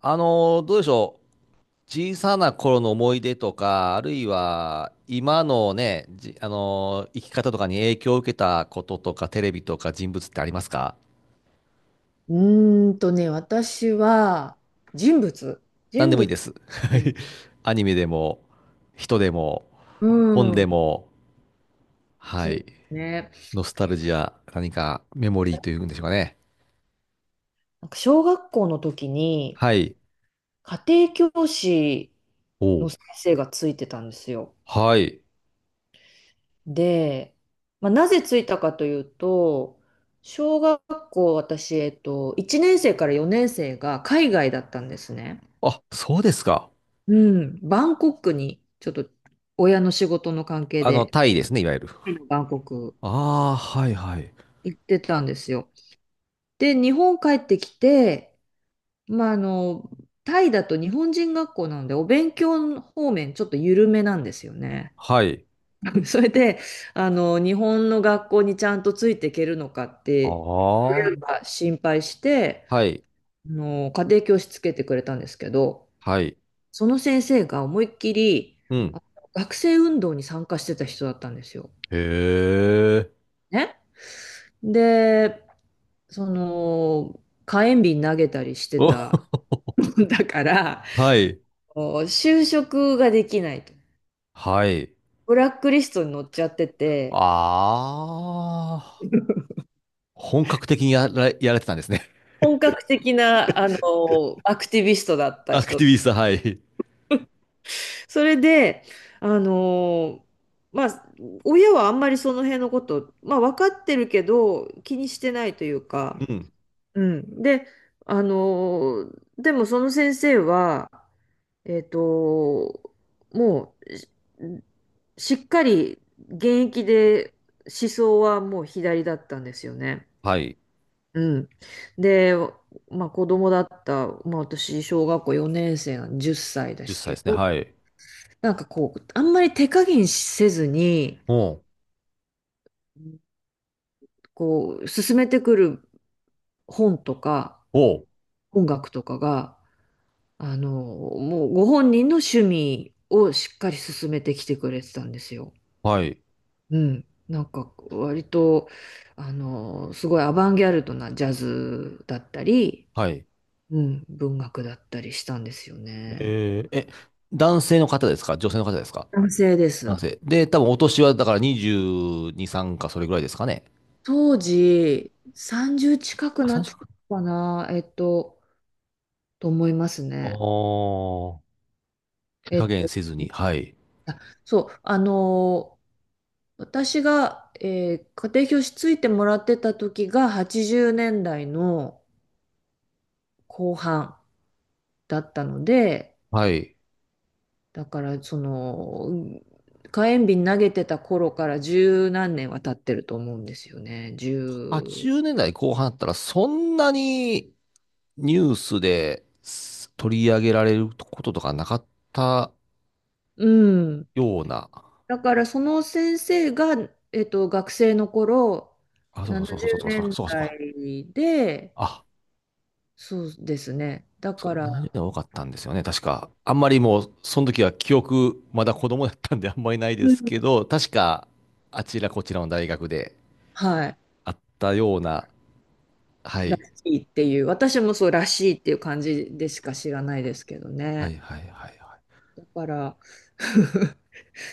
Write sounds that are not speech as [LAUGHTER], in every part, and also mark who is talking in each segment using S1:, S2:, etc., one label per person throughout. S1: どうでしょう。小さな頃の思い出とか、あるいは今のね、じ、あのー生き方とかに影響を受けたこととか、テレビとか人物ってありますか？
S2: 私は人物。
S1: 何
S2: 人
S1: でもいい
S2: 物
S1: です。[LAUGHS] は
S2: ね。
S1: い。アニメでも、人でも、
S2: う
S1: 本
S2: ん。
S1: でも、は
S2: そうで
S1: い。
S2: すね。
S1: ノスタルジア、何かメモリーというんでしょうかね。
S2: なんか小学校の時に
S1: はい。
S2: 家庭教師
S1: お
S2: の
S1: う。
S2: 先生がついてたんですよ。
S1: はい。
S2: で、まあ、なぜついたかというと、小学校私、1年生から4年生が海外だったんですね。
S1: あ、そうですか。
S2: うん。バンコクにちょっと親の仕事の関係
S1: あの、
S2: で、
S1: タイですね、いわゆる。
S2: バンコク
S1: ああ、はいはい。
S2: 行ってたんですよ。で、日本帰ってきて、まあ、タイだと日本人学校なんで、お勉強方面ちょっと緩めなんですよね。
S1: はい。
S2: [LAUGHS] それで、日本の学校にちゃんとついていけるのかって
S1: ああ、
S2: 心配して、
S1: はい。
S2: 家庭教師つけてくれたんですけど、
S1: はい。
S2: その先生が思いっきり
S1: う
S2: あ
S1: ん。
S2: の学生運動に参加してた人だったんですよ。
S1: へえ。
S2: ね。で、その、火炎瓶投げたりして
S1: お、
S2: た
S1: [LAUGHS]
S2: [LAUGHS] んだから、
S1: はい。
S2: 就職ができないと。
S1: はい。
S2: ブラックリストに載っちゃってて、
S1: ああ、本格的にやられてたんですね。
S2: 本格的な、アクティビストだっ
S1: [LAUGHS]
S2: た
S1: アク
S2: 人。
S1: ティビスト、はい。
S2: それで、あの、まあ、親はあんまりその辺のこと、まあ、分かってるけど、気にしてないという
S1: う
S2: か、
S1: ん。
S2: うん。で、あの、でもその先生は、えっと、もう、しっかり現役で思想はもう左だったんですよね。
S1: はい。
S2: うん。で、まあ子供だった、まあ私、小学校4年生なんで10歳で
S1: 10
S2: す
S1: 歳で
S2: け
S1: すね。
S2: ど、
S1: はい。
S2: なんかこう、あんまり手加減せずに、
S1: おう。
S2: こう、進めてくる本とか
S1: おう。
S2: 音楽とかが、あの、もうご本人の趣味をしっかり進めてきてくれてたんですよ。
S1: はい。
S2: うん。なんか割と、すごいアバンギャルドなジャズだったり、
S1: はい。
S2: うん、文学だったりしたんですよね。
S1: えー、え、男性の方ですか？女性の方ですか？
S2: 男性です。
S1: 男性。で、多分お年はだから22、3かそれぐらいですかね。
S2: 当時、30近く
S1: あ、
S2: な
S1: 3
S2: って
S1: 近
S2: た
S1: く。
S2: のかな、と思います
S1: あ
S2: ね。
S1: ー。手
S2: え
S1: 加
S2: っ
S1: 減
S2: と、
S1: せずに。はい。
S2: そう、あの私が、家庭教師ついてもらってた時が80年代の後半だったので、
S1: はい。
S2: だからその、火炎瓶投げてた頃から十何年は経ってると思うんですよね。
S1: 80
S2: 十、
S1: 年代後半だったらそんなにニュースです取り上げられることとかなかった
S2: うん。
S1: ような、
S2: だからその先生が、学生の頃、
S1: あ、そうそうそうそ
S2: 70
S1: うそうそう
S2: 年
S1: そうそうか、
S2: 代で、
S1: あ、
S2: そうですね。だ
S1: そう
S2: か
S1: か、
S2: ら、
S1: 何が多かったんですよね、確か。あんまりもう、その時は記憶、まだ子供だったんで [LAUGHS] あんまりないで
S2: うん。
S1: すけど、確か、あちらこちらの大学で
S2: はい、
S1: あったような、は
S2: ら
S1: い、
S2: しいっていう、私もそうらしいっていう感じでしか知らないですけど
S1: は
S2: ね。
S1: いはいはいはい。
S2: だから、[LAUGHS]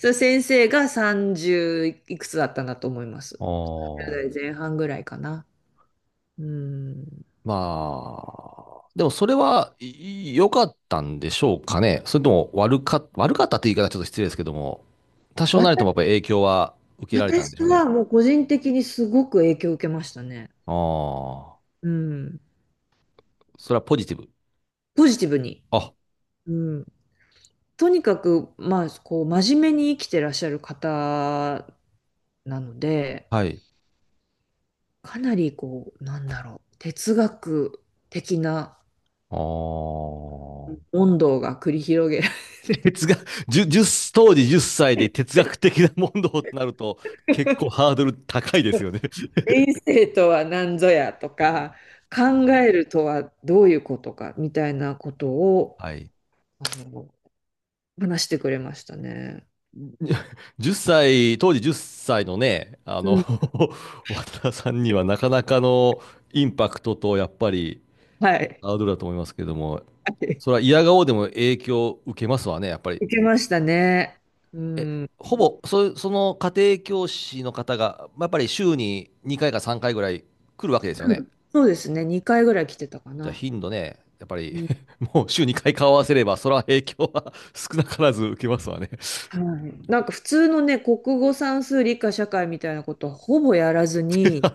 S2: その先生が30いくつだったんだと思います。
S1: あ
S2: 1代
S1: あ。
S2: 前半ぐらいかな。うん。
S1: まあ、でもそれは良かったんでしょうかね。それとも悪かったって言い方はちょっと失礼ですけども、多少
S2: わ
S1: なりと
S2: た
S1: もやっぱり影響は受けられたん
S2: 私
S1: でしょうね。
S2: はもう個人的にすごく影響を受けましたね。
S1: ああ、
S2: うん。
S1: それはポジティブ。
S2: ポジティブに。
S1: あ、
S2: うん、とにかく、まあ、こう、真面目に生きてらっしゃる方なので、
S1: はい。
S2: かなり、こう、なんだろう、哲学的な
S1: ああ。
S2: 問答が繰り広げられ
S1: 哲学、1当時10歳で哲学的な問答となると
S2: る。
S1: 結構
S2: [LAUGHS]
S1: ハードル高いですよね。
S2: 人生とは何ぞやとか、
S1: [LAUGHS]
S2: 考
S1: あ
S2: え
S1: ー
S2: るとはどういうことか、みたいなことを、
S1: はい。
S2: あの、話してくれましたね。
S1: 1歳、当時10歳のね、あ
S2: う
S1: の [LAUGHS]
S2: ん、
S1: 渡田さんにはなかなかのインパクトと、やっぱり、
S2: はい。は
S1: ハードルだと思いますけども、
S2: い、
S1: それは嫌顔でも影響を受けますわね、やっぱり。
S2: 受けましたね。う
S1: え、
S2: ん。うん、
S1: ほぼ、その家庭教師の方が、やっぱり週に2回か3回ぐらい来るわけですよね。
S2: そうですね。2回ぐらい来てたか
S1: じゃあ
S2: な。
S1: 頻度ね、やっぱり
S2: うん、
S1: [LAUGHS] もう週2回顔合わせれば、それは影響は [LAUGHS] 少なからず受けますわね。
S2: はい。なんか普通のね、国語算数理科社会みたいなことはほぼやらずに、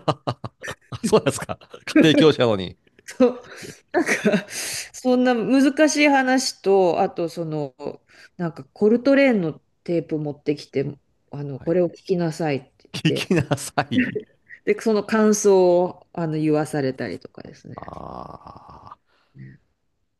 S1: [LAUGHS] そうなんですか。家庭教
S2: [LAUGHS]
S1: 師なのに。
S2: そう、なんか、そんな難しい話と、あとその、なんかコルトレーンのテープ持ってきて、
S1: は
S2: こ
S1: い。
S2: れを聞きなさいって言
S1: 聞
S2: って、
S1: きなさい。
S2: で、その感想をあの言わされたりとかですね。
S1: ああ。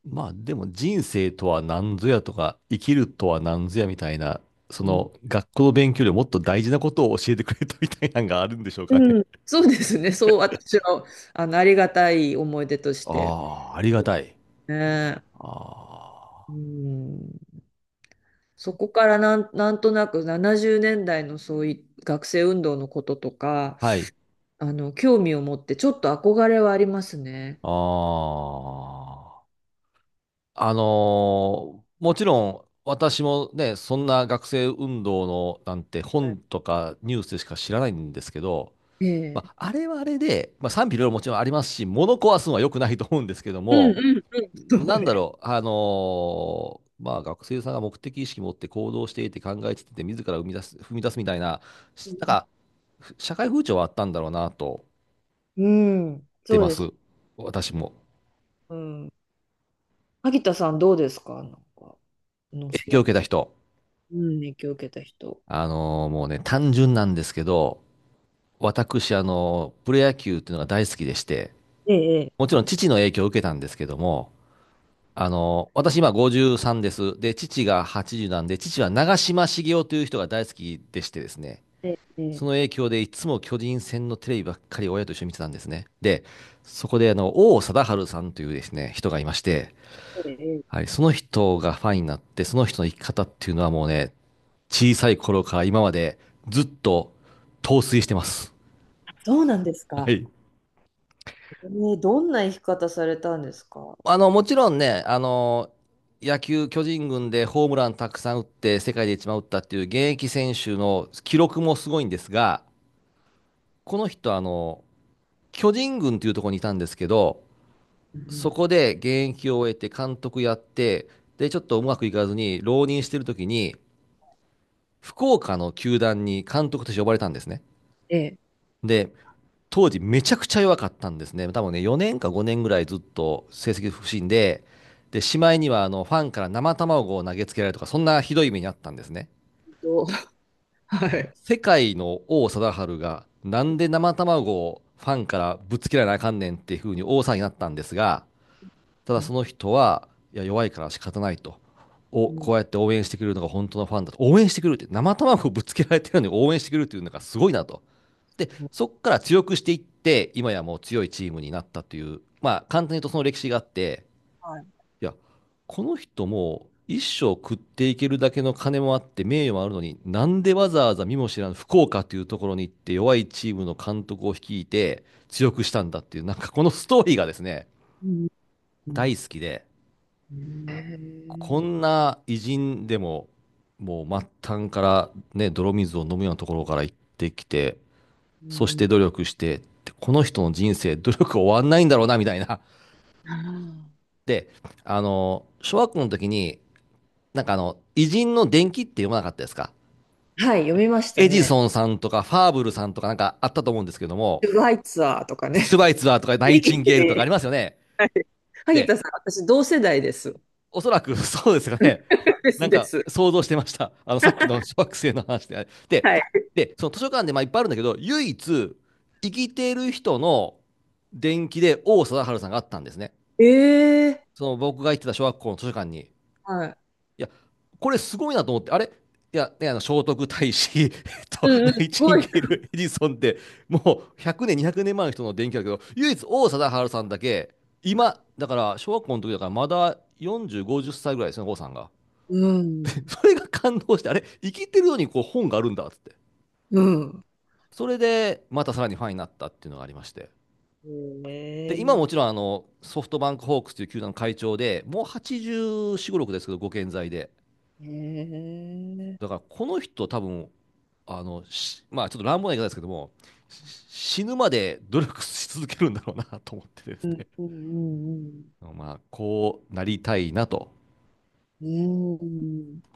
S1: まあでも人生とは何ぞやとか、生きるとは何ぞやみたいな、そ
S2: うん。
S1: の学校の勉強よりもっと大事なことを教えてくれたみたいなのがあるんでしょうかね。
S2: うん、そうですね。そう、私は、ありがたい思い出として。
S1: ああ、ありがたい。
S2: ね。
S1: あ
S2: うん。そこからなんとなく70年代のそういう学生運動のこととか、
S1: あ。はい。
S2: 興味を持ってちょっと憧れはありますね。
S1: ああ。あのもちろん私もね、そんな学生運動のなんて本とかニュースでしか知らないんですけど、
S2: え
S1: ま
S2: え。
S1: あ、あれはあれで、まあ、賛否両論もちろんありますし、物壊すのは良くないと思うんですけど
S2: うん
S1: も、
S2: うんうん。そ
S1: な
S2: う
S1: んだ
S2: ね。
S1: ろう、まあ、学生さんが目的意識持って行動していて考えていて、自ら生み出す、踏み出すみたいな、なんか、社会風潮はあったんだろうなと、
S2: うん。
S1: 出
S2: そう
S1: ま
S2: です。
S1: す。私も。
S2: うん。萩田さんどうですかなんか、ノス
S1: 影響
S2: タ
S1: を
S2: ル
S1: 受けた人。
S2: ジー、うん、影響を受けた人。
S1: もうね、単純なんですけど、私、プロ野球っていうのが大好きでして、
S2: ええ、
S1: も
S2: え
S1: ちろん父の影響を受けたんですけども、私今53です。で、父が80なんで、父は長嶋茂雄という人が大好きでしてですね、
S2: え、ええ、え
S1: その
S2: え。
S1: 影響でいつも巨人戦のテレビばっかり親と一緒に見てたんですね。で、そこであの、王貞治さんというですね、人がいまして、
S2: ええ、
S1: はい、その人がファンになって、その人の生き方っていうのはもうね、小さい頃から今までずっと陶酔してます。
S2: あそうなんですか。ええ、どんな生き方されたんですか？
S1: あの、もちろんね、あの、野球巨人軍でホームランたくさん打って世界で一番打ったっていう現役選手の記録もすごいんですが、この人あの、巨人軍っていうところにいたんですけど、
S2: う
S1: そ
S2: ん。
S1: こで現役を終えて監督やって、で、ちょっとうまくいかずに浪人してる時に、福岡の球団に監督として呼ばれたんですね。
S2: ええ。
S1: で、当時めちゃくちゃ弱かったんですね。多分ね、4年か5年ぐらいずっと成績不振で、で、しまいにはあのファンから生卵を投げつけられるとか、そんなひどい目にあったんですね。
S2: どう [LAUGHS] は
S1: あの
S2: い。
S1: 世界の王貞治が、なんで生卵をファンからぶつけられなあかんねんっていう風に王さんになったんですが、ただ
S2: うん。
S1: その人は、いや、弱いから仕方ないと。をこう
S2: う
S1: やって応援してくれるのが本当のファンだと。応援してくれるって、生卵をぶつけられてるのに応援してくれるっていうのがすごいなと。で、そ
S2: ん、
S1: こから強くしていって、今やもう強いチームになったという、まあ、簡単に言うとその歴史があって、
S2: はい。
S1: いや、この人も一生食っていけるだけの金もあって、名誉もあるのに、なんでわざわざ見も知らぬ福岡というところに行って、弱いチームの監督を率いて、強くしたんだっていう、なんかこのストーリーがですね、
S2: うん。う
S1: 大
S2: ん、
S1: 好きで、
S2: え
S1: こ
S2: ー、
S1: んな偉人でも、もう末端からね、泥水を飲むようなところから行ってきて、
S2: う
S1: そして
S2: ん、
S1: 努力して、この人の人生、努力終わんないんだろうな、みたいな。
S2: あ、
S1: [LAUGHS] で、あの、小学校の時に、なんかあの、偉人の伝記って読まなかったですか？
S2: はい、読みました
S1: エジ
S2: ね。
S1: ソンさんとか、ファーブルさんとかなんかあったと思うんですけども、
S2: トゥワイツアーとか
S1: スシュ
S2: ね。
S1: バイツァーとか、
S2: [LAUGHS]
S1: ナ
S2: フリ
S1: イ
S2: ーい
S1: チン
S2: い
S1: ゲールとかあ
S2: で
S1: りますよね。
S2: 萩
S1: で
S2: 田さん、私同世代です。
S1: おそらく [LAUGHS] そうですかね。
S2: [LAUGHS] で
S1: [LAUGHS] なん
S2: すで
S1: か
S2: す。
S1: 想像してました。あのさっきの [LAUGHS] 小学生の話で。で、
S2: はい。
S1: でその図書館でまあいっぱいあるんだけど、唯一生きてる人の伝記で王貞治さんがあったんですね。
S2: ええ、
S1: その僕が行ってた小学校の図書館に。い
S2: はい。
S1: や、これすごいなと思って、あれいや、ね、あの聖徳太子、[LAUGHS]
S2: うんう
S1: ナ
S2: ん、す
S1: イチ
S2: ご
S1: ン
S2: い。
S1: ゲール、エジソンって、もう100年、200年前の人の伝記だけど、唯一王貞治さんだけ、今、だから小学校の時だからまだ40、50歳ぐらいですね、王さんが。
S2: うん。
S1: それが感動して、あれ、生きてるのにこう本があるんだっつって。
S2: うん。
S1: それで、またさらにファンになったっていうのがありまして。
S2: ええ、
S1: で、今もちろんあの、ソフトバンクホークスという球団の会長で、もう84、5、6ですけど、ご健在で。
S2: え
S1: だから、
S2: え、
S1: この人多分、あの、まあちょっと乱暴な言い方ですけども、死ぬまで努力し続けるんだろうなと思ってです
S2: うん
S1: ね。
S2: うん
S1: まあ、こうなりたいなと
S2: うんうん。うん。